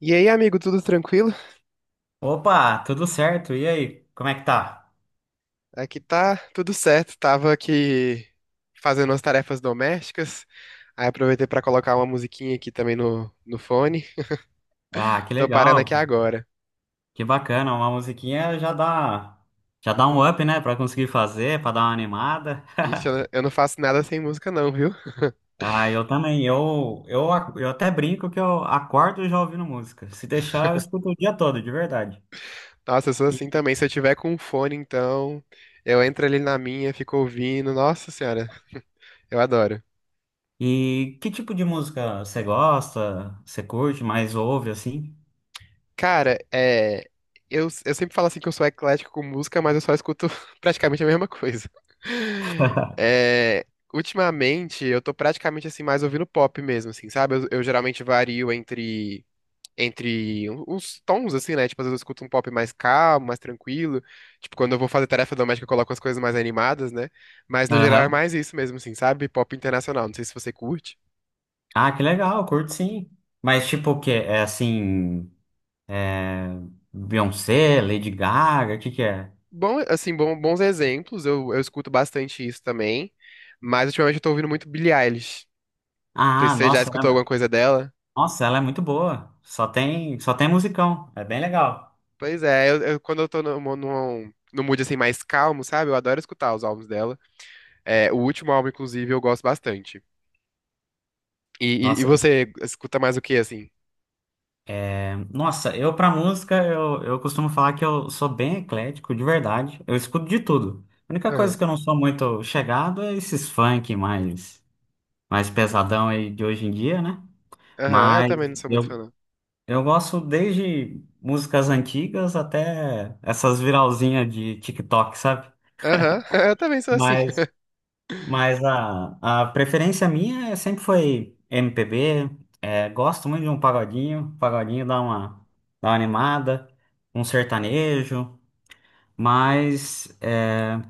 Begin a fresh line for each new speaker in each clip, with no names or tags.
E aí, amigo, tudo tranquilo?
Opa, tudo certo? E aí, como é que tá?
Aqui tá tudo certo. Tava aqui fazendo as tarefas domésticas. Aí aproveitei pra colocar uma musiquinha aqui também no fone.
Ah, que
Tô parando
legal,
aqui agora.
que bacana, uma musiquinha já dá um up, né? Pra conseguir fazer, pra dar uma animada.
Ixi, eu não faço nada sem música não, viu?
Ah, eu também, eu até brinco que eu acordo já ouvindo música. Se deixar, eu escuto o dia todo, de verdade.
Nossa, eu sou assim
E,
também. Se eu tiver com um fone, então, eu entro ali na minha, fico ouvindo. Nossa senhora, eu adoro.
e que tipo de música você gosta, você curte, mais ouve, assim?
Cara, é. Eu sempre falo assim que eu sou eclético com música, mas eu só escuto praticamente a mesma coisa. É, ultimamente, eu tô praticamente assim, mais ouvindo pop mesmo, assim, sabe? Eu geralmente vario entre. Entre um, uns tons, assim, né? Tipo, às vezes eu escuto um pop mais calmo, mais tranquilo. Tipo, quando eu vou fazer tarefa doméstica, eu coloco as coisas mais animadas, né? Mas no geral é
Aham.
mais isso mesmo, assim, sabe? Pop internacional. Não sei se você curte.
Ah, que legal, curto sim. Mas tipo o quê? É assim, é... Beyoncé, Lady Gaga, o que que é?
Bom, assim, bons exemplos, eu escuto bastante isso também, mas ultimamente eu tô ouvindo muito Billie Eilish. Não sei
Ah,
se você já escutou alguma coisa dela.
nossa, ela é muito boa. Só tem musicão. É bem legal.
Pois é, quando eu tô no mood assim mais calmo, sabe? Eu adoro escutar os álbuns dela. É, o último álbum, inclusive, eu gosto bastante. E, e
Nossa,
você escuta mais o que, assim?
é, nossa, eu pra música, eu costumo falar que eu sou bem eclético, de verdade. Eu escuto de tudo. A única coisa
Aham,
que eu não sou muito chegado é esses mais pesadão aí de hoje em dia, né?
aham, eu
Mas
também não sou muito
eu,
fã, não.
eu gosto desde músicas antigas até essas viralzinhas de TikTok, sabe?
Aham, eu também sou assim.
Mas Mas a preferência minha sempre foi MPB. É, gosto muito de um pagodinho. Dá uma animada, um sertanejo. Mas é,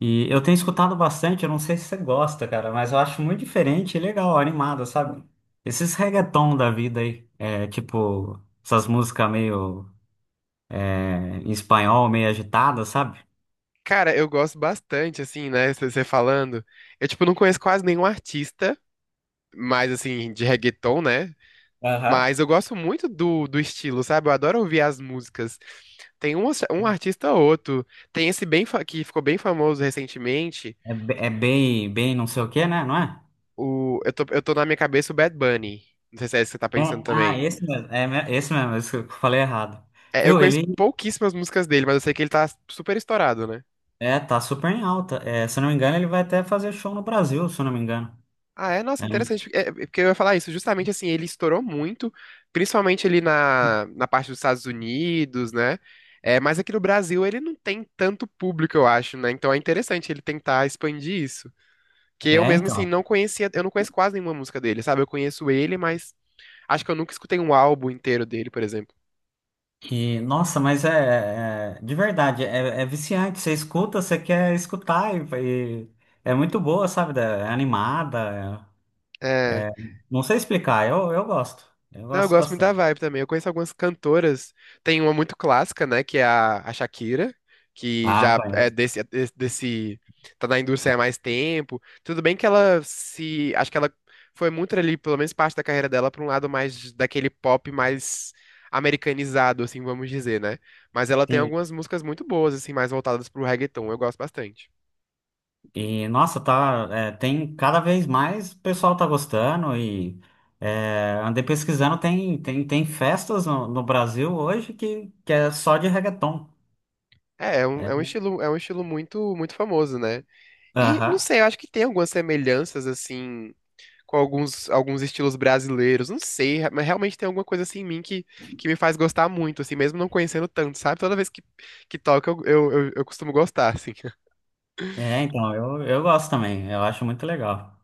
e eu tenho escutado bastante, eu não sei se você gosta, cara, mas eu acho muito diferente e legal, animado, sabe? Esses reggaeton da vida aí, é, tipo essas músicas meio é, em espanhol, meio agitadas, sabe?
Cara, eu gosto bastante, assim, né? Você falando. Eu, tipo, não conheço quase nenhum artista, mais assim, de reggaeton, né?
Aham.
Mas eu gosto muito do estilo, sabe? Eu adoro ouvir as músicas. Tem um artista ou outro. Tem esse bem que ficou bem famoso recentemente.
É, é bem, bem não sei o quê, né? Não é?
O, eu tô na minha cabeça o Bad Bunny. Não sei se é esse que você tá
É,
pensando
ah,
também.
esse mesmo, é, esse mesmo, esse que eu falei errado.
É, eu
Viu?
conheço pouquíssimas músicas dele, mas eu sei que ele tá super estourado, né?
Tá super em alta. É, se eu não me engano, ele vai até fazer show no Brasil, se eu não me engano.
Ah, é?
É,
Nossa, interessante. É, é porque eu ia falar isso. Justamente assim, ele estourou muito, principalmente ali na parte dos Estados Unidos, né? É, mas aqui no Brasil ele não tem tanto público, eu acho, né? Então é interessante ele tentar expandir isso. Que eu mesmo, assim,
então.
não conhecia, eu não conheço quase nenhuma música dele, sabe? Eu conheço ele, mas acho que eu nunca escutei um álbum inteiro dele, por exemplo.
E, nossa, de verdade, é, é viciante. Você escuta, você quer escutar, e é muito boa, sabe? É animada. é-
É.
Não sei explicar, eu gosto. Eu
Não, eu
gosto
gosto muito da
bastante.
vibe também. Eu conheço algumas cantoras. Tem uma muito clássica, né? Que é a Shakira, que
Ah,
já
conhece.
é desse, desse- Tá na indústria há mais tempo. Tudo bem que ela se. Acho que ela foi muito ali, pelo menos parte da carreira dela, pra um lado mais daquele pop mais americanizado, assim, vamos dizer, né? Mas ela tem
Sim.
algumas músicas muito boas, assim, mais voltadas pro reggaeton. Eu gosto bastante.
E, nossa, tá, é, tem cada vez mais o pessoal tá gostando e é, andei pesquisando, tem festas no Brasil hoje que é só de reggaeton.
É, é um,
É,
é um estilo, é um estilo muito, muito famoso, né? E não
aham.
sei, eu acho que tem algumas semelhanças, assim com alguns estilos brasileiros. Não sei, mas realmente tem alguma coisa assim em mim que me faz gostar muito, assim, mesmo não conhecendo tanto, sabe? Toda vez que, que toca, eu costumo gostar, assim.
É, então, eu gosto também, eu acho muito legal.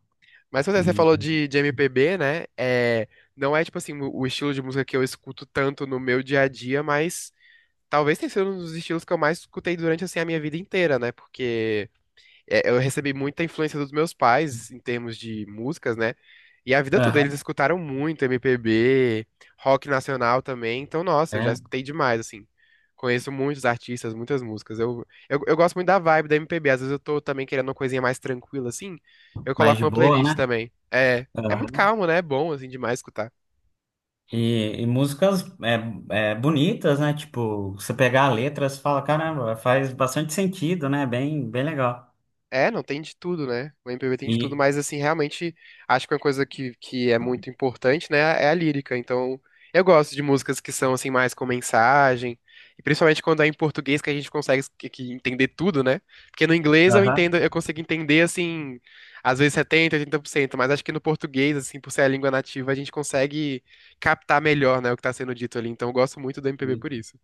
Mas pois é, você
E,
falou de MPB, né? É, não é, tipo assim, o estilo de música que eu escuto tanto no meu dia a dia, mas talvez tenha sido um dos estilos que eu mais escutei durante, assim, a minha vida inteira, né? Porque... é, eu recebi muita influência dos meus pais em termos de músicas, né? E a vida toda eles
aham,
escutaram muito MPB, rock nacional também. Então, nossa, eu já
é,
escutei demais, assim. Conheço muitos artistas, muitas músicas. Eu gosto muito da vibe da MPB. Às vezes eu tô também querendo uma coisinha mais tranquila, assim. Eu
mais
coloco
de
uma
boa,
playlist
né?
também. É muito
Aham.
calmo, né? É bom, assim, demais escutar.
E músicas é, é, bonitas, né? Tipo, você pegar a letra, você fala, caramba, faz bastante sentido, né? Bem, bem legal.
É, não tem de tudo, né? O MPB tem de tudo,
E,
mas assim, realmente acho que uma coisa que é muito importante, né, é a lírica. Então, eu gosto de músicas que são assim mais com mensagem, e principalmente quando é em português que a gente consegue que entender tudo, né? Porque no inglês eu
aham.
entendo, eu consigo entender assim, às vezes 70, 80%, mas acho que no português, assim, por ser a língua nativa, a gente consegue captar melhor, né, o que tá sendo dito ali. Então, eu gosto muito do MPB por isso.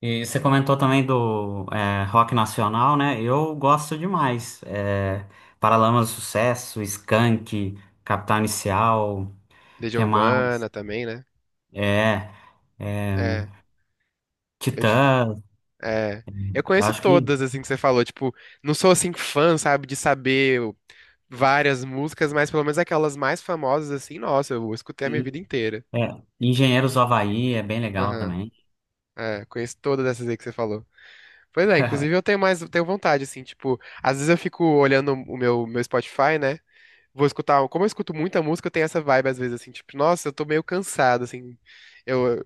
E você comentou também do é, rock nacional, né? Eu gosto demais. É, Paralamas do Sucesso, Skank, Capital Inicial,
Legião
que
Urbana
mais?
também, né?
É, é,
É. Eu te,
Titãs,
É. Eu
eu
conheço
acho que
todas, assim, que você falou. Tipo, não sou, assim, fã, sabe, várias músicas, mas pelo menos aquelas mais famosas, assim, nossa, eu escutei a minha
e,
vida inteira.
é, Engenheiros do Havaí é bem legal
Aham.
também.
É, conheço todas essas aí que você falou. Pois é, inclusive eu tenho mais, tenho vontade, assim, tipo, às vezes eu fico olhando o meu Spotify, né? Vou escutar, como eu escuto muita música, eu tenho essa vibe às vezes assim, tipo, nossa, eu tô meio cansado, assim. Eu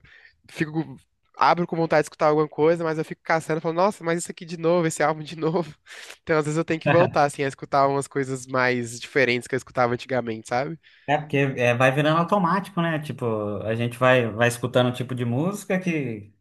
fico abro com vontade de escutar alguma coisa, mas eu fico caçando, falo, nossa, mas isso aqui de novo, esse álbum de novo. Então, às vezes eu tenho que voltar assim a escutar umas coisas mais diferentes que eu escutava antigamente, sabe?
É porque é, vai virando automático, né? Tipo, a gente vai escutando um tipo de música que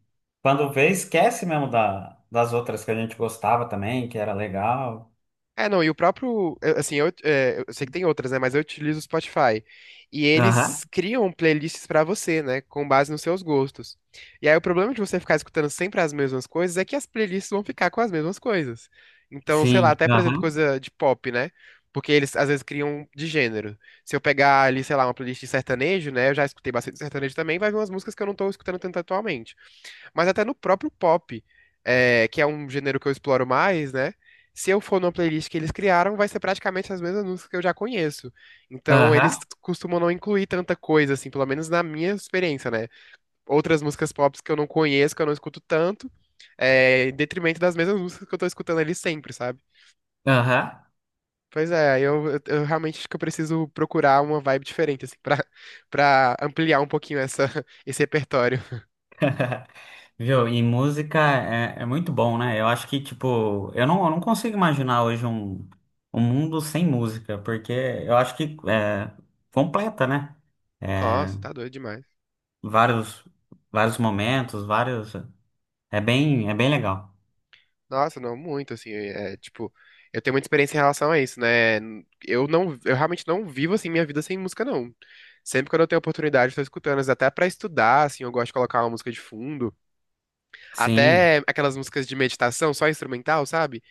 quando vê esquece mesmo da, das outras que a gente gostava também, que era legal.
É, não, e o próprio, assim, eu sei que tem outras, né, mas eu utilizo o Spotify. E eles criam playlists pra você, né, com base nos seus gostos. E aí o problema de você ficar escutando sempre as mesmas coisas é que as playlists vão ficar com as mesmas coisas. Então, sei lá,
Sim,
até por exemplo,
aham,
coisa de pop, né? Porque eles às vezes criam de gênero. Se eu pegar ali, sei lá, uma playlist de sertanejo, né, eu já escutei bastante sertanejo também, vai vir umas músicas que eu não tô escutando tanto atualmente. Mas até no próprio pop, é, que é um gênero que eu exploro mais, né? Se eu for numa playlist que eles criaram, vai ser praticamente as mesmas músicas que eu já conheço. Então,
aham,
eles costumam não incluir tanta coisa, assim, pelo menos na minha experiência, né? Outras músicas pop que eu não conheço, que eu não escuto tanto, é, em detrimento das mesmas músicas que eu tô escutando ali sempre, sabe?
aham.
Pois é, eu realmente acho que eu preciso procurar uma vibe diferente, assim, pra, pra ampliar um pouquinho essa, esse repertório.
Viu? E música é, é muito bom, né? Eu acho que, tipo, eu não consigo imaginar hoje um, um mundo sem música, porque eu acho que é, completa, né? É,
Nossa, tá doido demais.
vários, vários momentos, vários. É bem legal.
Nossa, não, muito, assim, tipo, eu tenho muita experiência em relação a isso, né? Eu realmente não vivo, assim, minha vida sem música, não. Sempre quando eu tenho oportunidade, eu tô escutando, mas até pra estudar, assim, eu gosto de colocar uma música de fundo.
Sim,
Até aquelas músicas de meditação, só instrumental, sabe?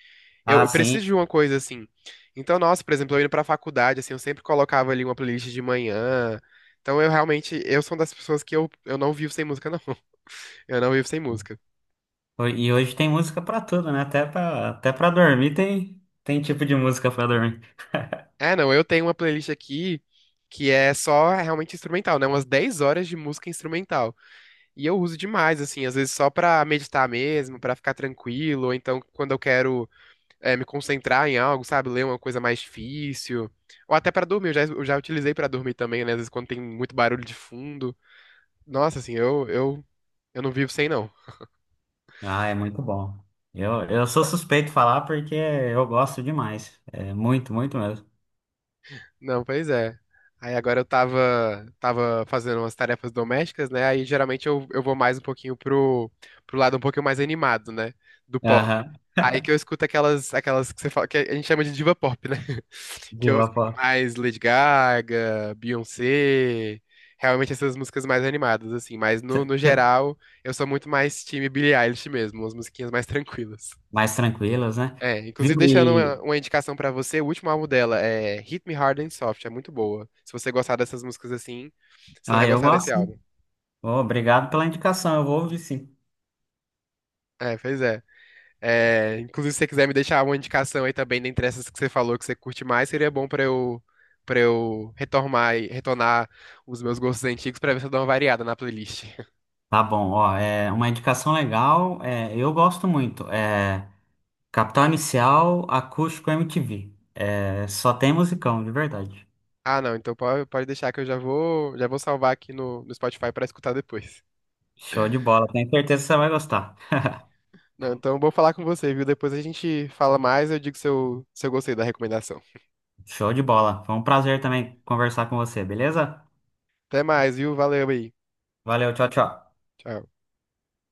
Eu,
ah,
eu
sim.
preciso de uma coisa, assim. Então, nossa, por exemplo, eu indo pra faculdade, assim, eu sempre colocava ali uma playlist de manhã. Então, eu realmente, eu, sou uma das pessoas que eu não vivo sem música, não. Eu não vivo sem música.
E hoje tem música pra tudo, né? Até pra dormir tem, tem tipo de música pra dormir.
É, não, eu tenho uma playlist aqui que é só realmente instrumental, né? Umas 10 horas de música instrumental. E eu uso demais, assim, às vezes só pra meditar mesmo, pra ficar tranquilo, ou então quando eu quero me concentrar em algo, sabe? Ler uma coisa mais difícil. Ou até pra dormir, eu já utilizei pra dormir também, né? Às vezes quando tem muito barulho de fundo. Nossa, assim, eu não vivo sem, não.
Ah, é muito bom. Eu sou suspeito de falar porque eu gosto demais. É muito, muito mesmo.
Não, pois é. Aí agora eu tava fazendo umas tarefas domésticas, né? Aí geralmente eu vou mais um pouquinho pro lado um pouquinho mais animado, né? Do pop.
Aham.
Aí que eu escuto aquelas que você fala, que a gente chama de diva pop, né? Que
De
eu
uma
escuto
forma
mais Lady Gaga, Beyoncé, realmente essas músicas mais animadas, assim. Mas no geral, eu sou muito mais time Billie Eilish mesmo, umas musiquinhas mais tranquilas.
mais tranquilas, né?
É, inclusive
Viu?
deixando uma,
E...
uma indicação pra você, o último álbum dela é Hit Me Hard and Soft, é muito boa. Se você gostar dessas músicas assim, você
Ah,
vai
eu
gostar desse
gosto. Sim.
álbum.
Ô, obrigado pela indicação, eu vou ouvir sim.
É, pois é. É, inclusive se você quiser me deixar uma indicação aí também dentre essas que você falou que você curte mais, seria bom pra eu para eu retomar e retornar os meus gostos antigos pra ver se eu dou uma variada na playlist.
Tá bom, ó, é uma indicação legal, é, eu gosto muito. É Capital Inicial, Acústico MTV. É, só tem musicão, de verdade.
Ah, não, então pode deixar que eu já vou salvar aqui no Spotify pra escutar depois.
Show de bola, tenho certeza que você vai gostar.
Não, então vou falar com você, viu? Depois a gente fala mais, eu digo se eu gostei da recomendação.
Show de bola. Foi um prazer também conversar com você, beleza?
Até mais, viu? Valeu aí.
Valeu, tchau, tchau.
Tchau.